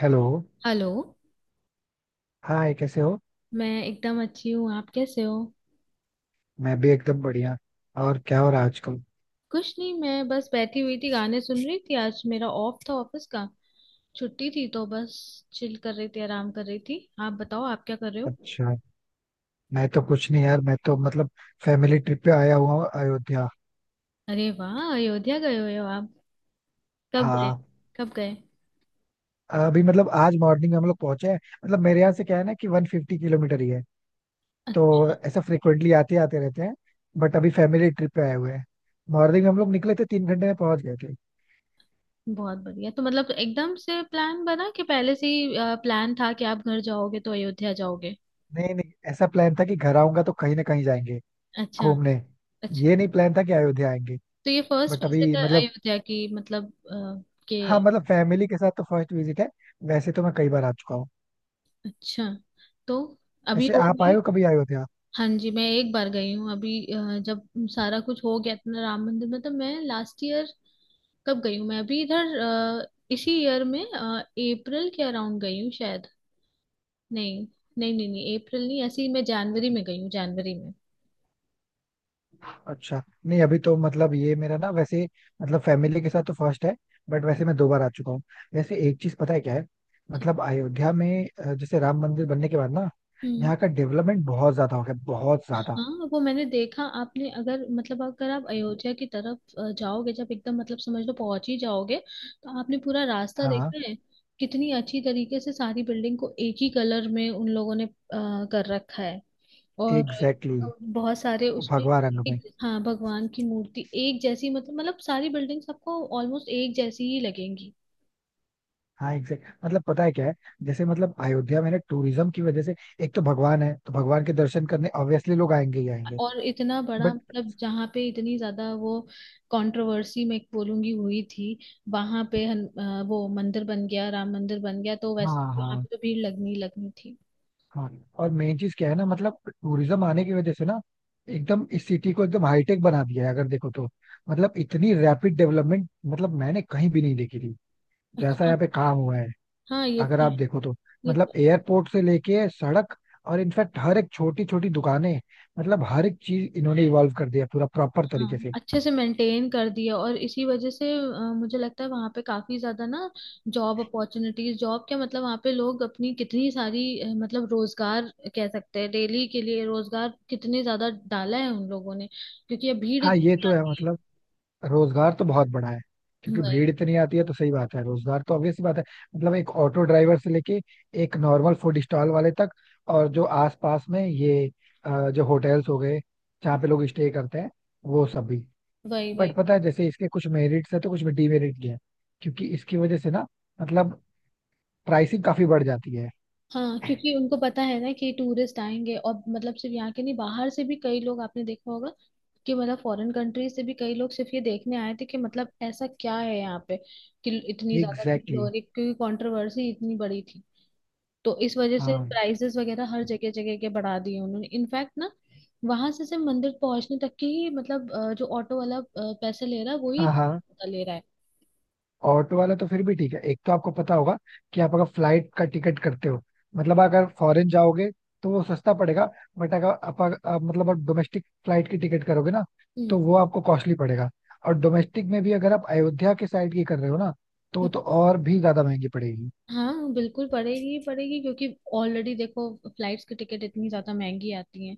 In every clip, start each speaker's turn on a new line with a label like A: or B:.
A: Hello.
B: Hello.
A: Hi, कैसे हो?
B: मैं एकदम अच्छी हूँ, आप कैसे हो?
A: मैं भी एकदम बढ़िया। और क्या हो रहा है आजकल?
B: कुछ नहीं, मैं बस बैठी हुई थी, गाने सुन रही थी। आज मेरा ऑफ था ऑफिस का, छुट्टी थी तो बस चिल कर रही थी, आराम कर रही थी। आप बताओ, आप क्या कर रहे हो?
A: अच्छा। मैं तो कुछ नहीं यार, मैं तो मतलब फैमिली ट्रिप पे आया हुआ हूँ अयोध्या।
B: अरे वाह! अयोध्या गए हुए हो आप? कब गए?
A: हाँ,
B: कब गए?
A: अभी मतलब आज मॉर्निंग में हम लोग पहुंचे हैं। मतलब मेरे यहाँ से क्या है ना कि 150 किलोमीटर ही है। तो
B: अच्छा।
A: ऐसा फ्रिक्वेंटली आते आते रहते हैं। बट अभी फैमिली ट्रिप पे आए हुए हैं। मॉर्निंग में हम लोग निकले थे, 3 घंटे में पहुंच गए थे।
B: बहुत बढ़िया। तो मतलब एकदम से प्लान बना कि पहले से ही प्लान था कि आप घर जाओगे तो अयोध्या जाओगे?
A: नहीं नहीं, ऐसा प्लान था कि घर आऊंगा तो कहीं ना कहीं जाएंगे
B: अच्छा।
A: घूमने।
B: अच्छा।
A: ये नहीं प्लान था कि अयोध्या आएंगे।
B: तो ये फर्स्ट
A: बट अभी
B: विजिट है
A: मतलब।
B: अयोध्या की मतलब? अ, के
A: हाँ मतलब फैमिली के साथ तो फर्स्ट विजिट है। वैसे तो मैं कई बार आ चुका हूँ।
B: अच्छा, तो अभी
A: वैसे
B: हो
A: आप आए
B: गई?
A: हो कभी? आए होते आप।
B: हाँ जी, मैं एक बार गई हूँ अभी जब सारा कुछ हो गया अपना राम मंदिर में, तो मैं लास्ट ईयर कब गई हूँ मैं अभी इधर इसी ईयर में अप्रैल के अराउंड गई हूँ शायद। नहीं। नहीं, नहीं, नहीं, अप्रैल नहीं, ऐसे ही मैं जनवरी में गई हूँ, जनवरी में।
A: अच्छा नहीं, अभी तो मतलब ये मेरा ना वैसे, मतलब फैमिली के साथ तो फर्स्ट है। बट वैसे मैं दो बार आ चुका हूँ। वैसे एक चीज पता है क्या है। मतलब अयोध्या में जैसे राम मंदिर बनने के बाद ना,
B: हम्म।
A: यहाँ का डेवलपमेंट बहुत ज्यादा हो गया, बहुत ज्यादा।
B: हाँ, वो मैंने देखा। आपने अगर मतलब, अगर आप अयोध्या की तरफ जाओगे, जब एकदम मतलब समझ लो पहुंच ही जाओगे, तो आपने पूरा रास्ता
A: हाँ
B: देखा है। कितनी अच्छी तरीके से सारी बिल्डिंग को एक ही कलर में उन लोगों ने कर रखा है। और
A: एग्जैक्टली exactly,
B: बहुत सारे उसमें
A: भगवा रंग में।
B: एक, हाँ, भगवान की मूर्ति एक जैसी, मतलब सारी बिल्डिंग्स आपको ऑलमोस्ट एक जैसी ही लगेंगी।
A: हाँ एग्जैक्ट, मतलब पता है क्या है? जैसे मतलब अयोध्या में ना टूरिज्म की वजह से, एक तो भगवान है तो भगवान के दर्शन करने ऑब्वियसली लोग आएंगे ही आएंगे।
B: और इतना बड़ा
A: बट
B: मतलब जहाँ पे इतनी ज्यादा वो कंट्रोवर्सी, मैं बोलूंगी, हुई थी, वहां पे वो मंदिर बन गया, राम मंदिर बन गया, तो
A: हाँ,
B: वैसे यहाँ
A: हाँ,
B: पे तो भीड़ लगनी ही लगनी थी।
A: हाँ। और मेन चीज क्या है ना मतलब टूरिज्म आने की वजह से ना, एकदम इस सिटी को एकदम हाईटेक बना दिया है अगर देखो तो। मतलब इतनी रैपिड डेवलपमेंट मतलब मैंने कहीं भी नहीं देखी थी जैसा
B: हाँ,
A: यहाँ पे काम हुआ है।
B: हाँ। ये
A: अगर
B: तो
A: आप देखो तो
B: ये
A: मतलब
B: तो
A: एयरपोर्ट से लेके सड़क, और इनफैक्ट हर एक छोटी छोटी दुकानें, मतलब हर एक चीज इन्होंने इवॉल्व कर दिया पूरा प्रॉपर तरीके
B: हाँ,
A: से।
B: अच्छे से मेंटेन कर दिया। और इसी वजह से मुझे लगता है वहाँ पे काफी ज्यादा ना जॉब अपॉर्चुनिटीज, जॉब क्या मतलब, वहाँ पे लोग अपनी कितनी सारी मतलब रोजगार कह सकते हैं, डेली के लिए रोजगार कितने ज्यादा डाला है उन लोगों ने, क्योंकि अब भीड़
A: हाँ ये
B: इतनी
A: तो है,
B: आती है।
A: मतलब रोजगार तो बहुत बड़ा है। क्योंकि
B: वही,
A: भीड़ इतनी आती है तो सही बात है, रोजगार तो ऑब्वियस सी बात है। मतलब एक ऑटो ड्राइवर से लेके एक नॉर्मल फूड स्टॉल वाले तक, और जो आसपास में ये जो होटल्स हो गए, जहाँ पे लोग स्टे करते हैं, वो सब भी।
B: वही,
A: बट
B: वही।
A: पता है, जैसे इसके कुछ मेरिट्स है तो कुछ डीमेरिट भी है। क्योंकि इसकी वजह से ना मतलब प्राइसिंग काफी बढ़ जाती है।
B: हाँ, क्योंकि उनको पता है ना कि टूरिस्ट आएंगे, और मतलब सिर्फ यहाँ के नहीं, बाहर से भी कई लोग आपने देखा होगा कि मतलब फॉरेन कंट्रीज से भी कई लोग सिर्फ ये देखने आए थे कि मतलब ऐसा क्या है यहाँ पे कि इतनी ज्यादा
A: एग्जैक्टली
B: भीड़ हो
A: exactly।
B: रही, क्योंकि कंट्रोवर्सी इतनी बड़ी थी। तो इस वजह से
A: हाँ,
B: प्राइसेस वगैरह हर जगह जगह के बढ़ा दिए उन्होंने, इनफैक्ट ना वहां से सिर्फ मंदिर पहुंचने तक की ही मतलब जो ऑटो वाला पैसे ले रहा है वो ही
A: हाँ, हाँ।
B: ले रहा है।
A: ऑटो वाला तो फिर भी ठीक है। एक तो आपको पता होगा कि आप अगर फ्लाइट का टिकट करते हो, मतलब अगर फॉरेन जाओगे तो वो सस्ता पड़ेगा। बट अगर आप मतलब आप डोमेस्टिक फ्लाइट की टिकट करोगे ना, तो
B: हम्म।
A: वो आपको कॉस्टली पड़ेगा। और डोमेस्टिक में भी अगर आप अयोध्या के साइड की कर रहे हो ना, तो वो तो और भी ज्यादा महंगी पड़ेगी।
B: हाँ, बिल्कुल पड़ेगी ही पड़ेगी, क्योंकि ऑलरेडी देखो फ्लाइट्स की टिकट इतनी ज्यादा महंगी आती हैं।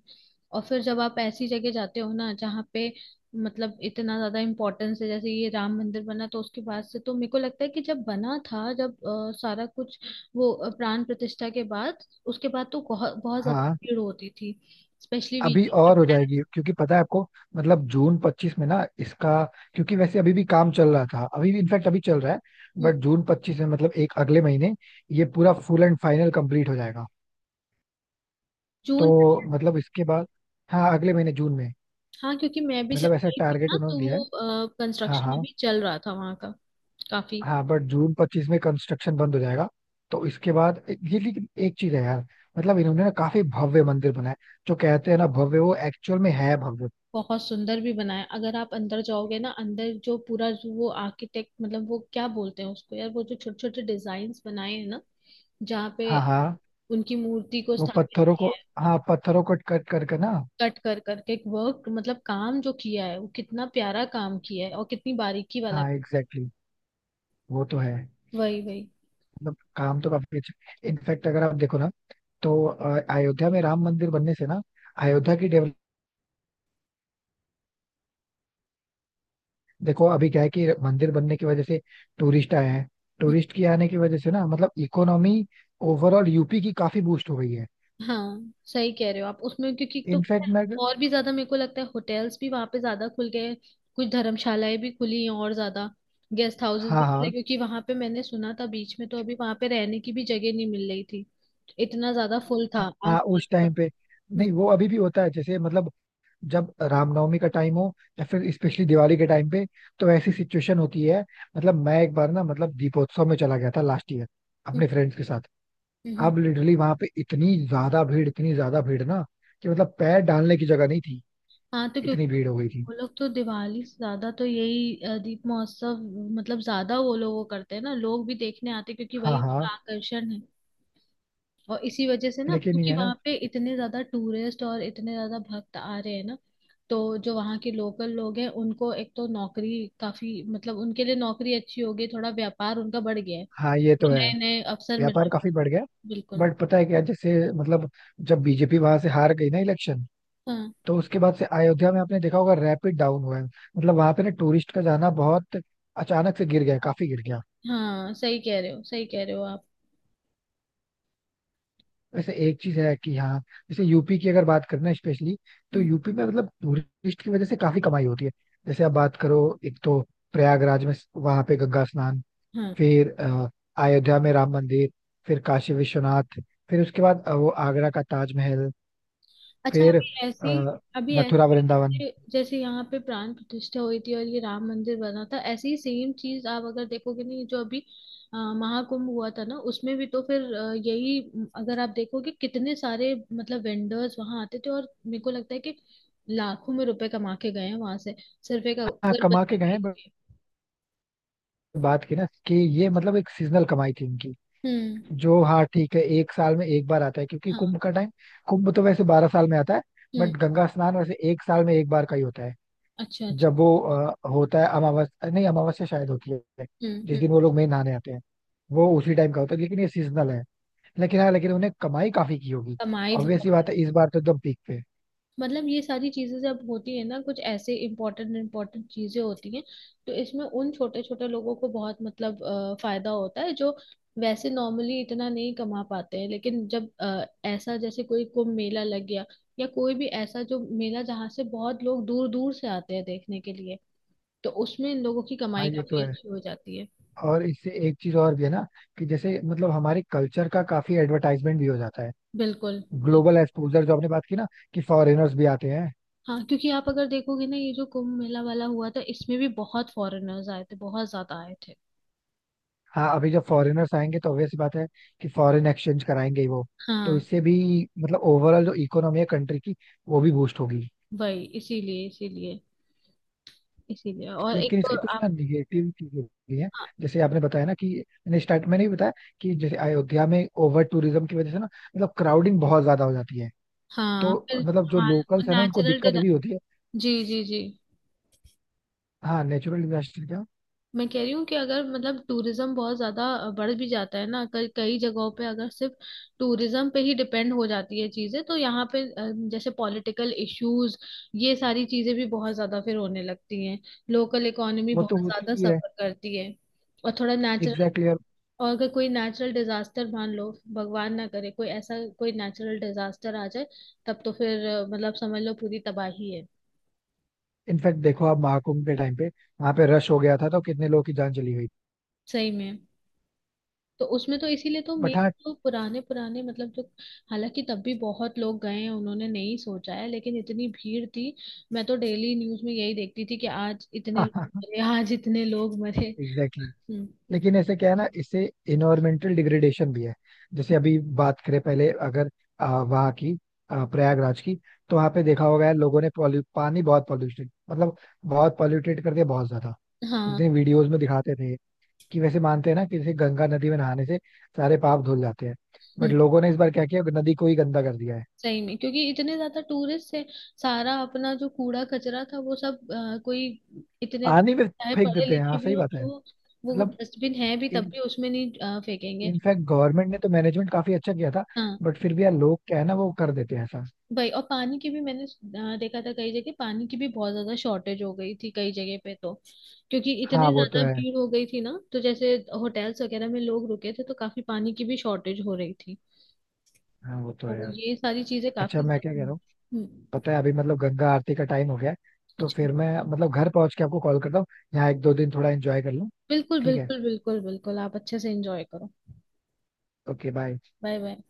B: और फिर जब आप ऐसी जगह जाते हो ना जहाँ पे मतलब इतना ज्यादा इम्पोर्टेंस है, जैसे ये राम मंदिर बना, तो उसके बाद से तो मेरे को लगता है कि जब बना था, जब सारा कुछ वो प्राण प्रतिष्ठा के बाद, उसके बाद तो बहुत बहुत ज्यादा
A: हाँ
B: भीड़ होती थी, स्पेशली
A: अभी
B: वीकेंड
A: और हो जाएगी, क्योंकि पता है आपको, मतलब जून 25 में ना इसका, क्योंकि वैसे अभी भी काम चल रहा था, अभी भी इनफैक्ट अभी चल रहा है।
B: पे।
A: बट जून 25 में मतलब एक अगले महीने ये पूरा फुल एंड फाइनल कंप्लीट हो जाएगा।
B: जून।
A: तो मतलब इसके बाद, हाँ अगले महीने जून में,
B: हाँ, क्योंकि मैं भी जब
A: मतलब ऐसा
B: गई थी
A: टारगेट
B: ना
A: उन्होंने
B: तो
A: दिया है।
B: वो
A: हाँ,
B: कंस्ट्रक्शन
A: हाँ,
B: अभी चल रहा था वहाँ का काफी।
A: हाँ। बट जून 25 में कंस्ट्रक्शन बंद हो जाएगा। तो इसके बाद ये, लेकिन एक चीज है यार, मतलब इन्होंने ना काफी भव्य मंदिर बनाया। जो कहते हैं ना भव्य, वो एक्चुअल में है भव्य।
B: बहुत सुंदर भी बनाया। अगर आप अंदर जाओगे ना, अंदर जो पूरा, जो वो आर्किटेक्ट मतलब वो क्या बोलते हैं उसको यार, वो जो छोटे छोटे डिजाइन्स बनाए हैं ना, जहाँ पे
A: हाँ हाँ,
B: उनकी मूर्ति को
A: वो
B: स्थापित
A: पत्थरों को,
B: किया है,
A: हाँ पत्थरों को कट कर कर ना।
B: कट कर करके वर्क मतलब काम जो किया है, वो कितना प्यारा काम किया है और कितनी बारीकी वाला।
A: हाँ एग्जैक्टली exactly, वो तो है।
B: वही, वही।
A: मतलब काम तो काफी अच्छा, इनफैक्ट अगर आप देखो ना, तो अयोध्या में राम मंदिर बनने से ना, अयोध्या की, देखो अभी क्या है कि मंदिर बनने की वजह से टूरिस्ट आए हैं। टूरिस्ट के आने की वजह से ना मतलब इकोनॉमी, ओवरऑल यूपी की काफी बूस्ट हो गई है।
B: हाँ, सही कह रहे हो आप उसमें, क्योंकि तो पता
A: इनफैक्ट
B: है,
A: मैं,
B: और भी ज्यादा मेरे को लगता है होटल्स भी वहां पे ज्यादा खुल गए हैं। कुछ धर्मशालाएं भी खुली हैं, और ज्यादा गेस्ट हाउसेस भी
A: हाँ, हाँ,
B: खुले, क्योंकि वहां पे मैंने सुना था बीच में तो अभी वहां पे रहने की भी जगह नहीं मिल रही थी, इतना ज्यादा फुल
A: हाँ,
B: था,
A: हाँ,
B: आज तक
A: उस
B: का।
A: टाइम पे।
B: हम्म।
A: नहीं वो अभी भी होता है, जैसे मतलब जब रामनवमी का टाइम हो, या फिर स्पेशली दिवाली के टाइम पे, तो ऐसी सिचुएशन होती है। मतलब मैं एक बार ना, मतलब दीपोत्सव में चला गया था लास्ट ईयर
B: हम्म।
A: अपने फ्रेंड्स के साथ।
B: हम्म। हम्म।
A: अब लिटरली वहां पे इतनी ज्यादा भीड़, इतनी ज्यादा भीड़ ना कि मतलब पैर डालने की जगह नहीं थी,
B: हाँ, तो क्योंकि
A: इतनी भीड़ हो गई थी।
B: वो लोग तो दिवाली से ज्यादा तो यही दीप महोत्सव मतलब ज्यादा वो लोग वो करते हैं ना, लोग भी देखने आते हैं, क्योंकि
A: हाँ
B: वही
A: हाँ,
B: उनका आकर्षण है। और इसी वजह से ना,
A: लेकिन ये
B: क्योंकि
A: है ना।
B: वहां पे इतने ज्यादा टूरिस्ट और इतने ज्यादा भक्त आ रहे हैं ना, तो जो वहाँ के लोकल लोग हैं उनको एक तो नौकरी काफी मतलब, उनके लिए नौकरी अच्छी हो गई, थोड़ा व्यापार उनका बढ़ गया है,
A: हाँ ये तो
B: तो
A: है,
B: नए नए अवसर मिल
A: व्यापार
B: रहे
A: काफी
B: हैं।
A: बढ़ गया।
B: बिल्कुल।
A: बट पता है क्या, जैसे मतलब जब बीजेपी वहां से हार गई ना इलेक्शन,
B: हाँ,
A: तो उसके बाद से अयोध्या में आपने देखा होगा रैपिड डाउन हुआ है, मतलब वहां पे ना टूरिस्ट का जाना बहुत अचानक से गिर गया, काफी गिर गया।
B: हाँ, सही कह रहे हो, सही कह रहे हो आप।
A: वैसे एक चीज है कि हाँ, जैसे यूपी की अगर बात करना स्पेशली, तो
B: हम्म।
A: यूपी में मतलब टूरिस्ट की वजह से काफी कमाई होती है। जैसे आप बात करो, एक तो प्रयागराज में वहां पे गंगा स्नान,
B: हाँ।
A: फिर अयोध्या में राम मंदिर, फिर काशी विश्वनाथ, फिर उसके बाद वो आगरा का ताजमहल,
B: अच्छा,
A: फिर
B: अभी ऐसी
A: अ,
B: अभी
A: मथुरा
B: ऐसी
A: वृंदावन।
B: जैसे जैसे यहाँ पे प्राण प्रतिष्ठा हुई थी और ये राम मंदिर बना था, ऐसी ही सेम चीज आप अगर देखोगे, नहीं, जो अभी महाकुंभ हुआ था ना उसमें भी, तो फिर यही, अगर आप देखोगे, कितने सारे मतलब वेंडर्स वहां आते थे, और मेरे को लगता है कि लाखों में रुपए कमा के गए हैं वहां से, सिर्फ एक
A: हाँ कमा के
B: अगरबत्ती
A: गए हैं,
B: बेच
A: बट
B: के।
A: बात की ना कि ये मतलब एक सीजनल कमाई थी इनकी।
B: हम्म।
A: जो हाँ ठीक है, एक साल में एक बार आता है, क्योंकि
B: हाँ।
A: कुंभ का टाइम, कुंभ तो वैसे 12 साल में आता है।
B: हम्म।
A: बट गंगा स्नान वैसे एक साल में एक बार का ही होता है।
B: अच्छा, अच्छा।
A: जब वो होता है अमावस्या, नहीं अमावस्या शायद होती है,
B: हम्म।
A: जिस
B: हम्म।
A: दिन वो लोग मेन नहाने आते हैं, वो उसी टाइम का होता है। लेकिन ये सीजनल है। लेकिन हाँ, लेकिन उन्हें कमाई काफी की होगी।
B: कमाई
A: ऑब्वियस सी
B: बहुत।
A: बात है, इस बार तो एकदम पीक पे।
B: मतलब ये सारी चीजें जब होती है ना, कुछ ऐसे इम्पोर्टेंट इम्पोर्टेंट चीजें होती हैं, तो इसमें उन छोटे छोटे लोगों को बहुत मतलब फायदा होता है, जो वैसे नॉर्मली इतना नहीं कमा पाते हैं, लेकिन जब ऐसा जैसे कोई कुंभ मेला लग गया, या कोई भी ऐसा जो मेला जहाँ से बहुत लोग दूर दूर से आते हैं देखने के लिए, तो उसमें इन लोगों की
A: हाँ
B: कमाई
A: ये तो
B: काफी
A: है।
B: अच्छी हो जाती है।
A: और इससे एक चीज और भी है ना, कि जैसे मतलब हमारे कल्चर का काफी एडवर्टाइजमेंट भी हो जाता है।
B: बिल्कुल।
A: ग्लोबल एक्सपोजर, जो आपने बात की ना कि फॉरेनर्स भी आते हैं।
B: हाँ, क्योंकि आप अगर देखोगे ना, ये जो कुंभ मेला वाला हुआ था इसमें भी बहुत फॉरेनर्स आए थे, बहुत ज्यादा आए थे।
A: हाँ अभी जब फॉरेनर्स आएंगे तो ऑब्वियस बात है कि फॉरेन एक्सचेंज कराएंगे ही वो। तो
B: हाँ।
A: इससे भी मतलब ओवरऑल जो इकोनॉमी है कंट्री की, वो भी बूस्ट होगी।
B: वही, इसीलिए, इसीलिए, इसीलिए, और एक
A: लेकिन
B: तो
A: इसके कुछ ना
B: आप
A: निगेटिव चीजें भी हैं। जैसे आपने बताया ना कि, मैंने भी बताया कि जैसे अयोध्या में ओवर टूरिज्म की वजह से ना मतलब क्राउडिंग बहुत ज्यादा हो जाती है।
B: हाँ,
A: तो
B: फिर
A: मतलब जो
B: हमारा
A: लोकल्स है ना, उनको
B: नेचुरल
A: दिक्कत भी होती है।
B: जी, जी, जी।
A: हाँ नेचुरल डिजास्टर क्या,
B: मैं कह रही हूँ कि अगर मतलब टूरिज्म बहुत ज्यादा बढ़ भी जाता है ना कई कई जगहों पे, अगर सिर्फ टूरिज्म पे ही डिपेंड हो जाती है चीजें, तो यहाँ पे जैसे पॉलिटिकल इश्यूज, ये सारी चीजें भी बहुत ज्यादा फिर होने लगती हैं। लोकल इकोनॉमी
A: वो तो
B: बहुत
A: होती
B: ज्यादा
A: ही है।
B: सफर करती है। और थोड़ा नेचुरल,
A: एग्जैक्टली, और
B: और अगर कोई नेचुरल डिजास्टर, मान लो भगवान ना करे, कोई ऐसा कोई नेचुरल डिजास्टर आ जाए, तब तो फिर मतलब समझ लो पूरी तबाही है।
A: इनफैक्ट देखो आप महाकुंभ के टाइम पे वहां पे रश हो गया था तो कितने लोगों की जान चली गई।
B: सही में। तो उसमें तो इसीलिए तो
A: बट
B: मेन
A: हाँ
B: जो पुराने पुराने मतलब जो, हालांकि तब भी बहुत लोग गए हैं, उन्होंने नहीं सोचा है, लेकिन इतनी भीड़ थी। मैं तो डेली न्यूज में यही देखती थी कि आज इतने
A: हाँ
B: लोग
A: हाँ,
B: मरे, आज इतने लोग मरे।
A: एग्जैक्टली।
B: हम्म।
A: लेकिन ऐसे क्या है ना, इससे इन्वायरमेंटल डिग्रेडेशन भी है। जैसे अभी बात करें पहले अगर वहाँ की, प्रयागराज की, तो वहाँ पे देखा होगा यार लोगों ने, पॉल्यू पानी बहुत पॉल्यूटेड, मतलब बहुत पॉल्यूटेड कर दिया, बहुत ज्यादा।
B: हाँ।
A: जितने वीडियोस में दिखाते थे कि, वैसे मानते हैं ना कि जैसे गंगा नदी में नहाने से सारे पाप धुल जाते हैं, बट
B: हम्म।
A: लोगों ने इस बार क्या किया नदी को ही गंदा कर दिया है।
B: सही में, क्योंकि इतने ज्यादा टूरिस्ट थे, सारा अपना जो कूड़ा कचरा था वो सब कोई, इतने
A: पानी में
B: चाहे
A: फेंक
B: पढ़े
A: देते हैं, हाँ
B: लिखे भी
A: सही
B: हो,
A: बात है।
B: तो वो
A: मतलब
B: डस्टबिन है भी तब
A: इन
B: भी उसमें नहीं फेंकेंगे।
A: इनफैक्ट गवर्नमेंट ने तो मैनेजमेंट काफी अच्छा किया था,
B: हाँ,
A: बट फिर भी यार लोग क्या है ना वो कर देते हैं ऐसा।
B: भाई। और पानी की भी मैंने देखा था, कई जगह पानी की भी बहुत ज्यादा शॉर्टेज हो गई थी कई जगह पे तो, क्योंकि इतने
A: हाँ वो तो
B: ज्यादा
A: है।
B: भीड़ हो गई थी ना, तो जैसे होटल्स वगैरह में लोग रुके थे, तो काफी पानी की भी शॉर्टेज हो रही थी।
A: हाँ वो तो है
B: तो
A: यार।
B: ये सारी चीजें
A: अच्छा
B: काफी
A: मैं
B: ज्यादा।
A: क्या कह रहा हूँ,
B: हम्म।
A: पता है अभी मतलब गंगा आरती का टाइम हो गया है। तो
B: अच्छा।
A: फिर मैं मतलब घर पहुंच के आपको कॉल करता हूँ। यहाँ एक दो दिन थोड़ा एंजॉय कर लूँ।
B: बिल्कुल,
A: ठीक है।
B: बिल्कुल, बिल्कुल, बिल्कुल, आप अच्छे से एंजॉय करो।
A: Okay bye.
B: Bye, bye.